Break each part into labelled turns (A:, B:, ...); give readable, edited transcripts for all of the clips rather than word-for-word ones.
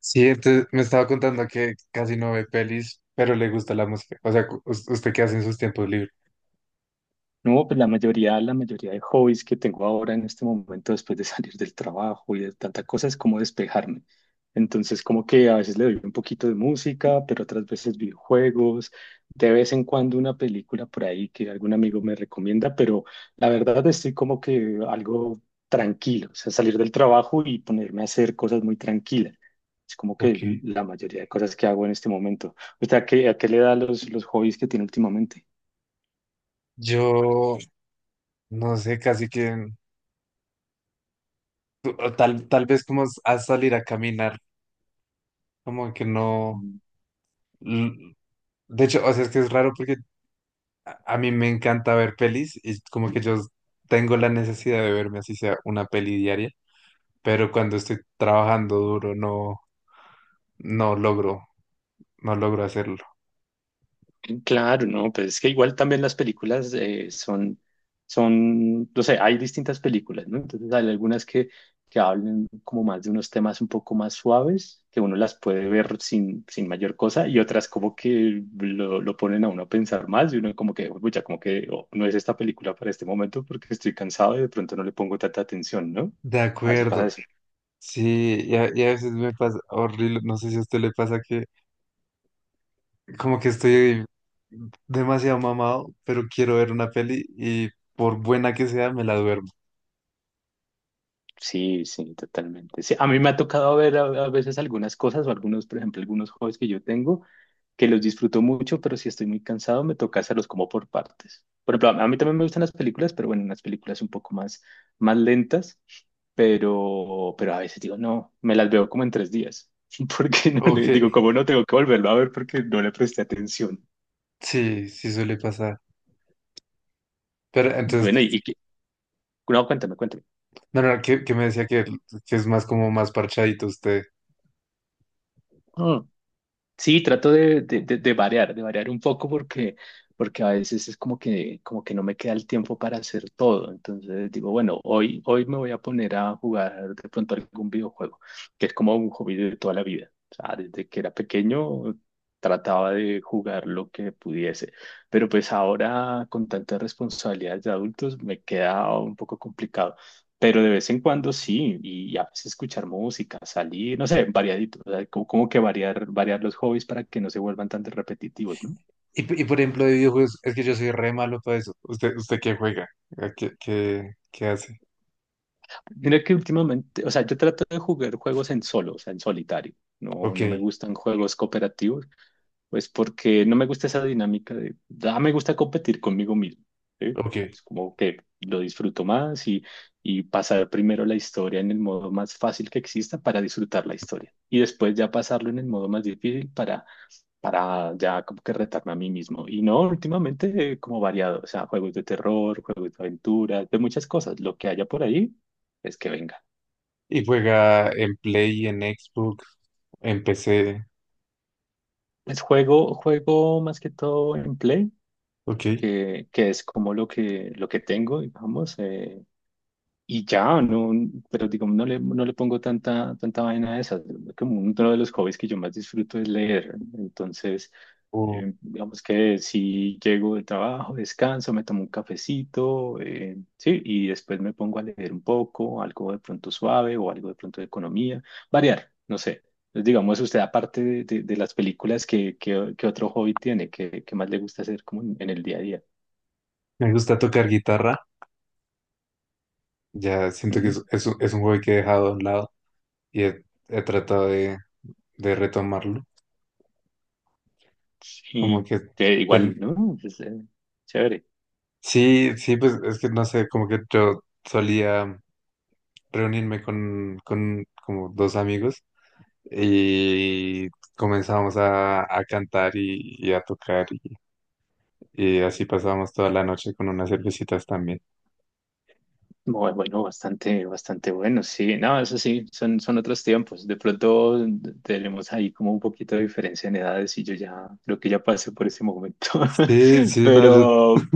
A: Sí, entonces me estaba contando que casi no ve pelis, pero le gusta la música. O sea, ¿usted qué hace en sus tiempos libres?
B: No, pues la mayoría de hobbies que tengo ahora en este momento después de salir del trabajo y de tanta cosa es como despejarme. Entonces, como que a veces le doy un poquito de música, pero otras veces videojuegos, de vez en cuando una película por ahí que algún amigo me recomienda, pero la verdad estoy como que algo tranquilo, o sea, salir del trabajo y ponerme a hacer cosas muy tranquilas. Es como
A: Ok.
B: que la mayoría de cosas que hago en este momento. ¿Usted a qué le da los hobbies que tiene últimamente?
A: Yo no sé, casi que o tal vez como a salir a caminar, como que no. l- De hecho, o sea, es que es raro porque a mí me encanta ver pelis y como que yo tengo la necesidad de verme así sea una peli diaria, pero cuando estoy trabajando duro no logro, no logro hacerlo.
B: Claro, no, pues es que igual también las películas son, no sé, hay distintas películas, ¿no? Entonces hay algunas que hablan como más de unos temas un poco más suaves, que uno las puede ver sin mayor cosa, y otras como que lo ponen a uno a pensar más, y uno como que, uy, ya como que oh, no es esta película para este momento porque estoy cansado y de pronto no le pongo tanta atención, ¿no?
A: De
B: A veces
A: acuerdo.
B: pasa eso.
A: Sí, y a veces me pasa horrible, no sé si a usted le pasa que como que estoy demasiado mamado, pero quiero ver una peli y por buena que sea me la duermo.
B: Sí, sí, totalmente. Sí, a mí me ha tocado ver a veces algunas cosas o algunos, por ejemplo, algunos hobbies que yo tengo que los disfruto mucho, pero si estoy muy cansado me toca hacerlos como por partes. Por ejemplo, a mí también me gustan las películas, pero bueno, las películas un poco más, más lentas, pero a veces digo, no, me las veo como en tres días, porque no
A: Ok,
B: le digo, como no tengo que volverlo a ver porque no le presté atención.
A: sí, sí suele pasar. Pero
B: Bueno, y,
A: entonces,
B: y que- no, cuéntame.
A: no, no, que me decía que es más como más parchadito usted.
B: Sí, trato de variar un poco porque, porque a veces es como que no me queda el tiempo para hacer todo. Entonces digo, bueno, hoy me voy a poner a jugar de pronto algún videojuego, que es como un hobby de toda la vida. O sea, desde que era pequeño trataba de jugar lo que pudiese, pero pues ahora con tantas responsabilidades de adultos me queda un poco complicado. Pero de vez en cuando sí, y a veces escuchar música, salir, no sé, variadito, o sea, como que variar los hobbies para que no se vuelvan tan repetitivos, ¿no?
A: Por ejemplo, de videojuegos, es que yo soy re malo para eso. ¿Usted, usted qué juega? ¿A ¿Qué, qué, qué hace?
B: Mira que últimamente, o sea, yo trato de jugar juegos en solo, o sea, en solitario,
A: Ok,
B: no me gustan juegos cooperativos, pues porque no me gusta esa dinámica de, ah, me gusta competir conmigo mismo, ¿sí?
A: ok.
B: O sea, es como que lo disfruto más y pasar primero la historia en el modo más fácil que exista para disfrutar la historia y después ya pasarlo en el modo más difícil para ya como que retarme a mí mismo. Y no, últimamente como variado, o sea, juegos de terror, juegos de aventura, de muchas cosas. Lo que haya por ahí es que venga.
A: ¿Y juega en Play, en Xbox, en PC?
B: Es juego más que todo en Play,
A: Ok.
B: que es como lo lo que tengo, digamos. Y ya, no, pero digamos, no le pongo tanta vaina a esas. Como uno de los hobbies que yo más disfruto es leer. Entonces,
A: O
B: digamos que si llego del trabajo, descanso, me tomo un cafecito, sí, y después me pongo a leer un poco, algo de pronto suave o algo de pronto de economía, variar, no sé. Entonces, digamos, usted aparte de las películas, qué otro hobby tiene? Qué más le gusta hacer como en el día a día?
A: Me gusta tocar guitarra. Ya siento que
B: Ujú.
A: es, un es un juego que he dejado a un lado y he tratado de retomarlo. Como
B: Sí,
A: que...
B: que igual,
A: ten-
B: ¿no? es chévere.
A: Sí, sí, pues es que no sé, como que yo solía reunirme con como dos amigos y comenzamos a cantar y a tocar y así pasábamos toda la noche con unas cervecitas también.
B: Muy bueno, bastante bueno, sí. No, eso sí, son otros tiempos. De pronto tenemos ahí como un poquito de diferencia en edades y yo ya creo que ya pasé por ese momento.
A: Sí, sí, no, yo,
B: Pero,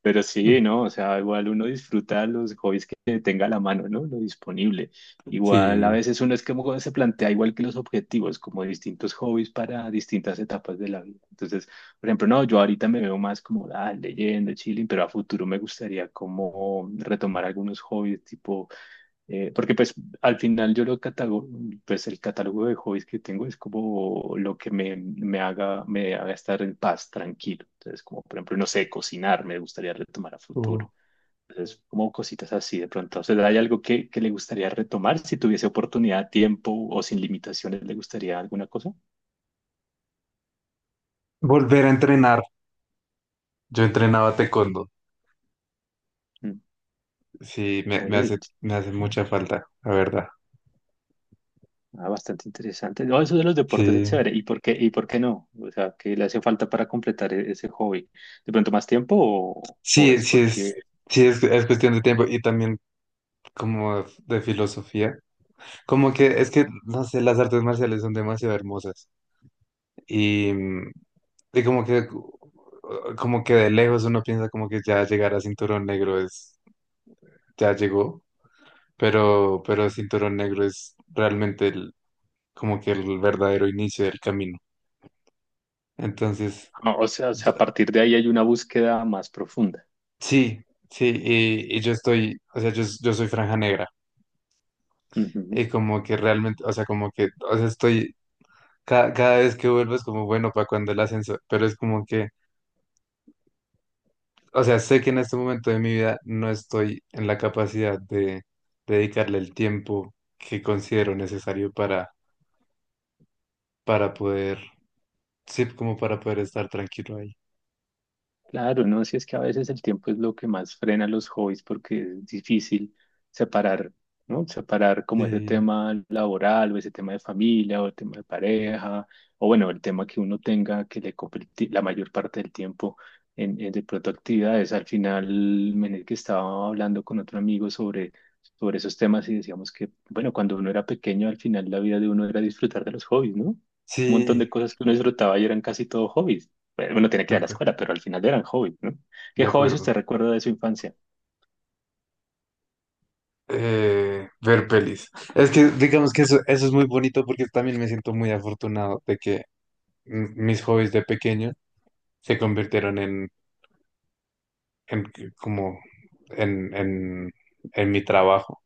B: pero sí, ¿no? O sea, igual uno disfruta los hobbies que tenga a la mano, ¿no? Lo disponible. Igual a
A: sí.
B: veces uno es que como se plantea igual que los objetivos, como distintos hobbies para distintas etapas de la vida. Entonces, por ejemplo, no, yo ahorita me veo más como ah, leyendo, chilling, pero a futuro me gustaría como retomar algunos hobbies, tipo porque pues al final yo lo catalogo, pues el catálogo de hobbies que tengo es como lo que me haga estar en paz, tranquilo. Entonces, como por ejemplo, no sé, cocinar, me gustaría retomar a futuro.
A: Uh,
B: Entonces, como cositas así de pronto. O sea, ¿hay algo que le gustaría retomar si tuviese oportunidad, tiempo o sin limitaciones? ¿Le gustaría alguna cosa?
A: Volver a entrenar. Yo entrenaba taekwondo.
B: Mm,
A: Sí,
B: oye,
A: me hace mucha falta, la verdad.
B: ah, bastante interesante. No, eso de los deportes es
A: Sí,
B: chévere. Y por qué no? O sea, ¿qué le hace falta para completar ese hobby? ¿De pronto más tiempo o
A: sí,
B: es porque
A: sí es cuestión de tiempo y también como de filosofía. Como que es que, no sé, las artes marciales son demasiado hermosas. Y mm, y como que de lejos uno piensa como que ya llegar a cinturón negro es, ya llegó, pero cinturón negro es realmente como que el verdadero inicio del camino. Entonces,
B: Ah, o sea, o
A: yo-
B: sea, a partir de ahí hay una búsqueda más profunda.
A: sí, sí, y yo estoy, o sea, yo soy franja negra,
B: Ujú.
A: y como que realmente, o sea, como que, o sea, estoy, cada vez que vuelvo es como, bueno, para cuando el ascenso, pero es como que. O sea, sé que en este momento de mi vida no estoy en la capacidad de dedicarle el tiempo que considero necesario para poder, sí, como para poder estar tranquilo ahí.
B: Claro, no, si es que a veces el tiempo es lo que más frena los hobbies porque es difícil separar, ¿no? Separar como ese
A: Sí,
B: tema laboral o ese tema de familia o el tema de pareja o bueno, el tema que uno tenga que le ocupe el la mayor parte del tiempo en de pronto actividades. Al final, en el que estaba hablando con otro amigo sobre, sobre esos temas y decíamos que, bueno, cuando uno era pequeño, al final la vida de uno era disfrutar de los hobbies, ¿no? Un montón de
A: sí,
B: cosas que uno disfrutaba y eran casi todo hobbies. Bueno, uno tiene que
A: de
B: ir a la
A: acuerdo,
B: escuela, pero al final eran hobbies, ¿no?
A: de
B: ¿Qué hobbies
A: acuerdo.
B: usted recuerda de su infancia?
A: Ver pelis. Es que digamos que eso es muy bonito porque también me siento muy afortunado de que mm, mis hobbies de pequeño se convirtieron en, como en, en, en mi trabajo,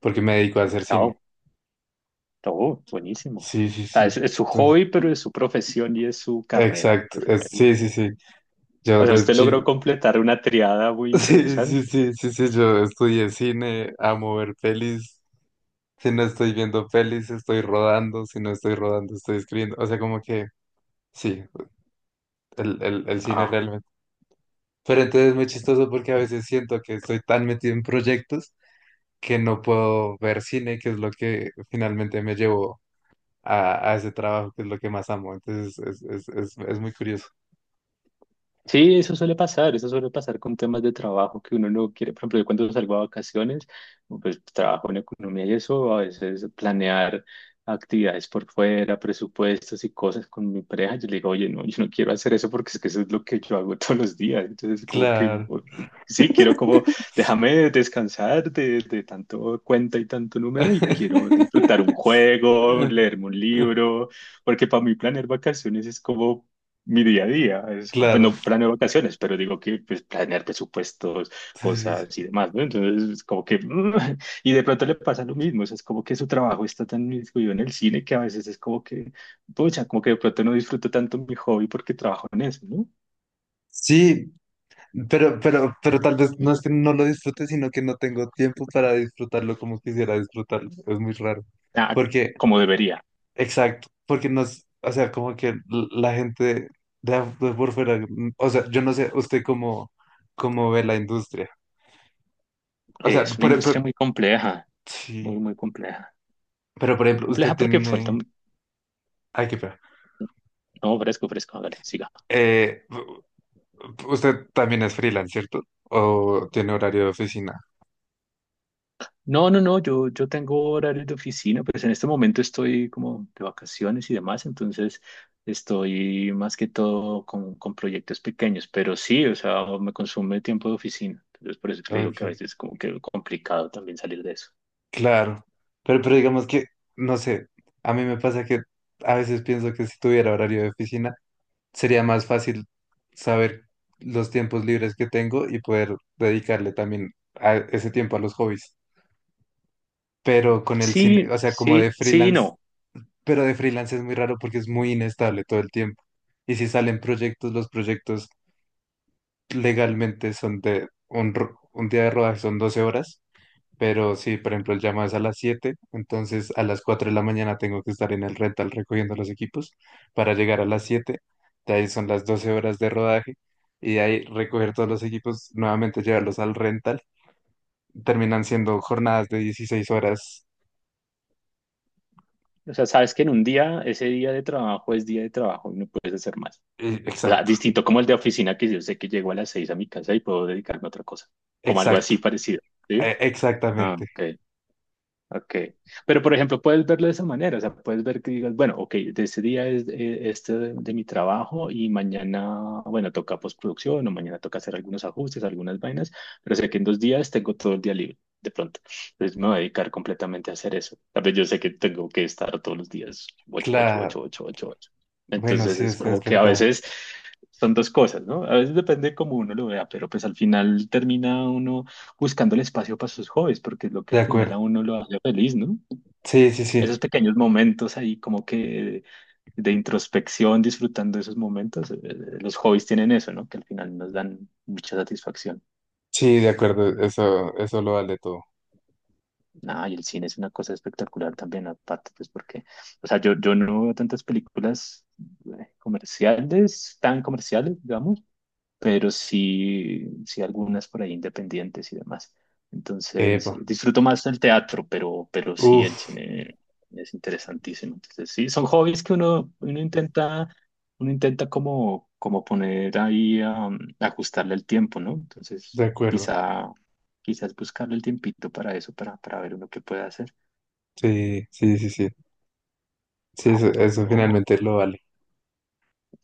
A: porque me dedico a hacer cine.
B: No, todo, buenísimo.
A: Sí, sí,
B: O sea,
A: sí.
B: es su
A: Entonces,
B: hobby, pero es su profesión y es su carrera. O
A: exacto.
B: sea,
A: es- sí, sí, sí.
B: o
A: Yo
B: sea,
A: de
B: usted logró
A: chico.
B: completar una triada muy
A: Sí, sí,
B: interesante.
A: sí, sí, sí. Yo estudié cine, amo ver pelis. Si no estoy viendo pelis, estoy rodando. Si no estoy rodando, estoy escribiendo. O sea, como que sí, el cine
B: Ah,
A: realmente. Pero entonces es muy chistoso porque a veces siento que estoy tan metido en proyectos que no puedo ver cine, que es lo que finalmente me llevó a ese trabajo, que es lo que más amo. Entonces es muy curioso.
B: sí, eso suele pasar con temas de trabajo que uno no quiere. Por ejemplo, yo cuando salgo a vacaciones, pues trabajo en economía y eso, a veces planear actividades por fuera, presupuestos y cosas con mi pareja, yo le digo, oye, no, yo no quiero hacer eso porque es que eso es lo que yo hago todos los días. Entonces, como que,
A: Claro.
B: sí, quiero como, déjame descansar de tanto cuenta y tanto número y quiero disfrutar un juego,
A: Eh,
B: leerme un
A: eh,
B: libro, porque para mí planear vacaciones es como mi día a día. Es,
A: Claro.
B: bueno, planeo vacaciones, pero digo que pues, planear presupuestos,
A: Sí, sí,
B: cosas y
A: sí.
B: demás, ¿no? Entonces, es como que, mm, y de pronto le pasa lo mismo, o sea, es como que su trabajo está tan incluido en el cine que a veces es como que, pucha, como que de pronto no disfruto tanto mi hobby porque trabajo en eso, ¿no?
A: Sí, pero tal vez no es que no lo disfrute, sino que no tengo tiempo para disfrutarlo como quisiera disfrutarlo. Es muy raro.
B: Ah,
A: Porque,
B: como debería.
A: exacto, porque no, o sea, como que l- la gente de, de por fuera, mm, o sea, yo no sé usted cómo, cómo ve la industria. O sea,
B: Es una industria
A: sí,
B: muy compleja.
A: pero por
B: Muy
A: ejemplo, usted
B: compleja porque falta...
A: tiene, ay, qué pena.
B: No, fresco, fresco, hágale, siga.
A: Eh, u- Usted también es freelance, ¿cierto? ¿O tiene horario de oficina?
B: No, no, no, yo tengo horarios de oficina, pues en este momento estoy como de vacaciones y demás, entonces estoy más que todo con proyectos pequeños, pero sí, o sea, me consume tiempo de oficina, entonces por eso que le digo que a
A: Ok.
B: veces es como que complicado también salir de eso.
A: Claro, pero digamos que, no sé, a mí me pasa que a veces pienso que si tuviera horario de oficina, sería más fácil saber los tiempos libres que tengo y poder dedicarle también a ese tiempo a los hobbies. Pero con el cine,
B: Sí,
A: o sea, como de
B: sí, sí, y
A: freelance,
B: no.
A: pero de freelance es muy raro porque es muy inestable todo el tiempo. Y si salen proyectos, los proyectos legalmente son de un día de rodaje son 12 horas. Pero sí, por ejemplo, el llamado es a las 7, entonces a las 4 de la mañana tengo que estar en el rental recogiendo los equipos para llegar a las 7, de ahí son las 12 horas de rodaje y de ahí recoger todos los equipos, nuevamente llevarlos al rental, terminan siendo jornadas de 16 horas.
B: O sea, sabes que en un día, ese día de trabajo es día de trabajo y no puedes hacer más. O sea,
A: Exacto,
B: distinto como el de oficina que yo sé que llego a las seis a mi casa y puedo dedicarme a otra cosa, como algo
A: exacto,
B: así parecido, ¿sí? Ah,
A: exactamente.
B: ok. Ok, pero por ejemplo, puedes verlo de esa manera, o sea, puedes ver que digas, bueno, ok, de ese día es este de mi trabajo y mañana, bueno, toca postproducción o mañana toca hacer algunos ajustes, algunas vainas, pero sé que en dos días tengo todo el día libre, de pronto. Entonces me voy a dedicar completamente a hacer eso. Tal vez yo sé que tengo que estar todos los días, ocho, ocho, ocho,
A: Claro,
B: ocho, ocho, ocho.
A: bueno,
B: Entonces
A: sí,
B: es
A: es
B: como que a
A: verdad,
B: veces son dos cosas, ¿no? A veces depende cómo uno lo vea, pero pues al final termina uno buscando el espacio para sus hobbies, porque es lo que
A: de
B: al final a
A: acuerdo.
B: uno lo hace feliz, ¿no?
A: Sí, sí,
B: Esos
A: sí,
B: pequeños momentos ahí como que de introspección, disfrutando de esos momentos, los hobbies tienen eso, ¿no? Que al final nos dan mucha satisfacción.
A: sí, de acuerdo, eso lo vale todo.
B: Ah, y el cine es una cosa espectacular también, aparte, pues porque, o sea, yo no veo tantas películas comerciales, tan comerciales, digamos, pero sí, sí algunas por ahí independientes y demás. Entonces,
A: Epa,
B: disfruto más el teatro, pero sí el
A: uff,
B: cine es interesantísimo. Entonces, sí, son hobbies que uno intenta como, como poner ahí, ajustarle el tiempo, ¿no? Entonces,
A: de acuerdo.
B: quizá, quizás buscarle el tiempito para eso, para ver uno qué puede hacer.
A: Sí, sí, sí, sí. Sí,
B: Ah,
A: eso,
B: bueno,
A: eso
B: no.
A: finalmente lo vale.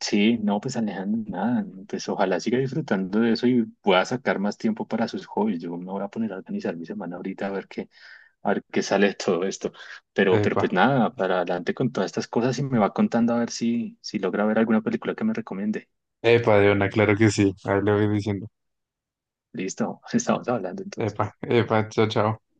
B: Sí, no, pues Alejandro, nada, pues ojalá siga disfrutando de eso y pueda sacar más tiempo para sus hobbies. Yo me voy a poner a organizar mi semana ahorita a ver qué sale de todo esto. Pero
A: Epa,
B: pues nada, para adelante con todas estas cosas y me va contando a ver si, si logra ver alguna película que me recomiende.
A: epa, de una, claro que sí. Ahí lo voy diciendo.
B: Listo, estamos hablando
A: Epa,
B: entonces.
A: epa, chao, chao.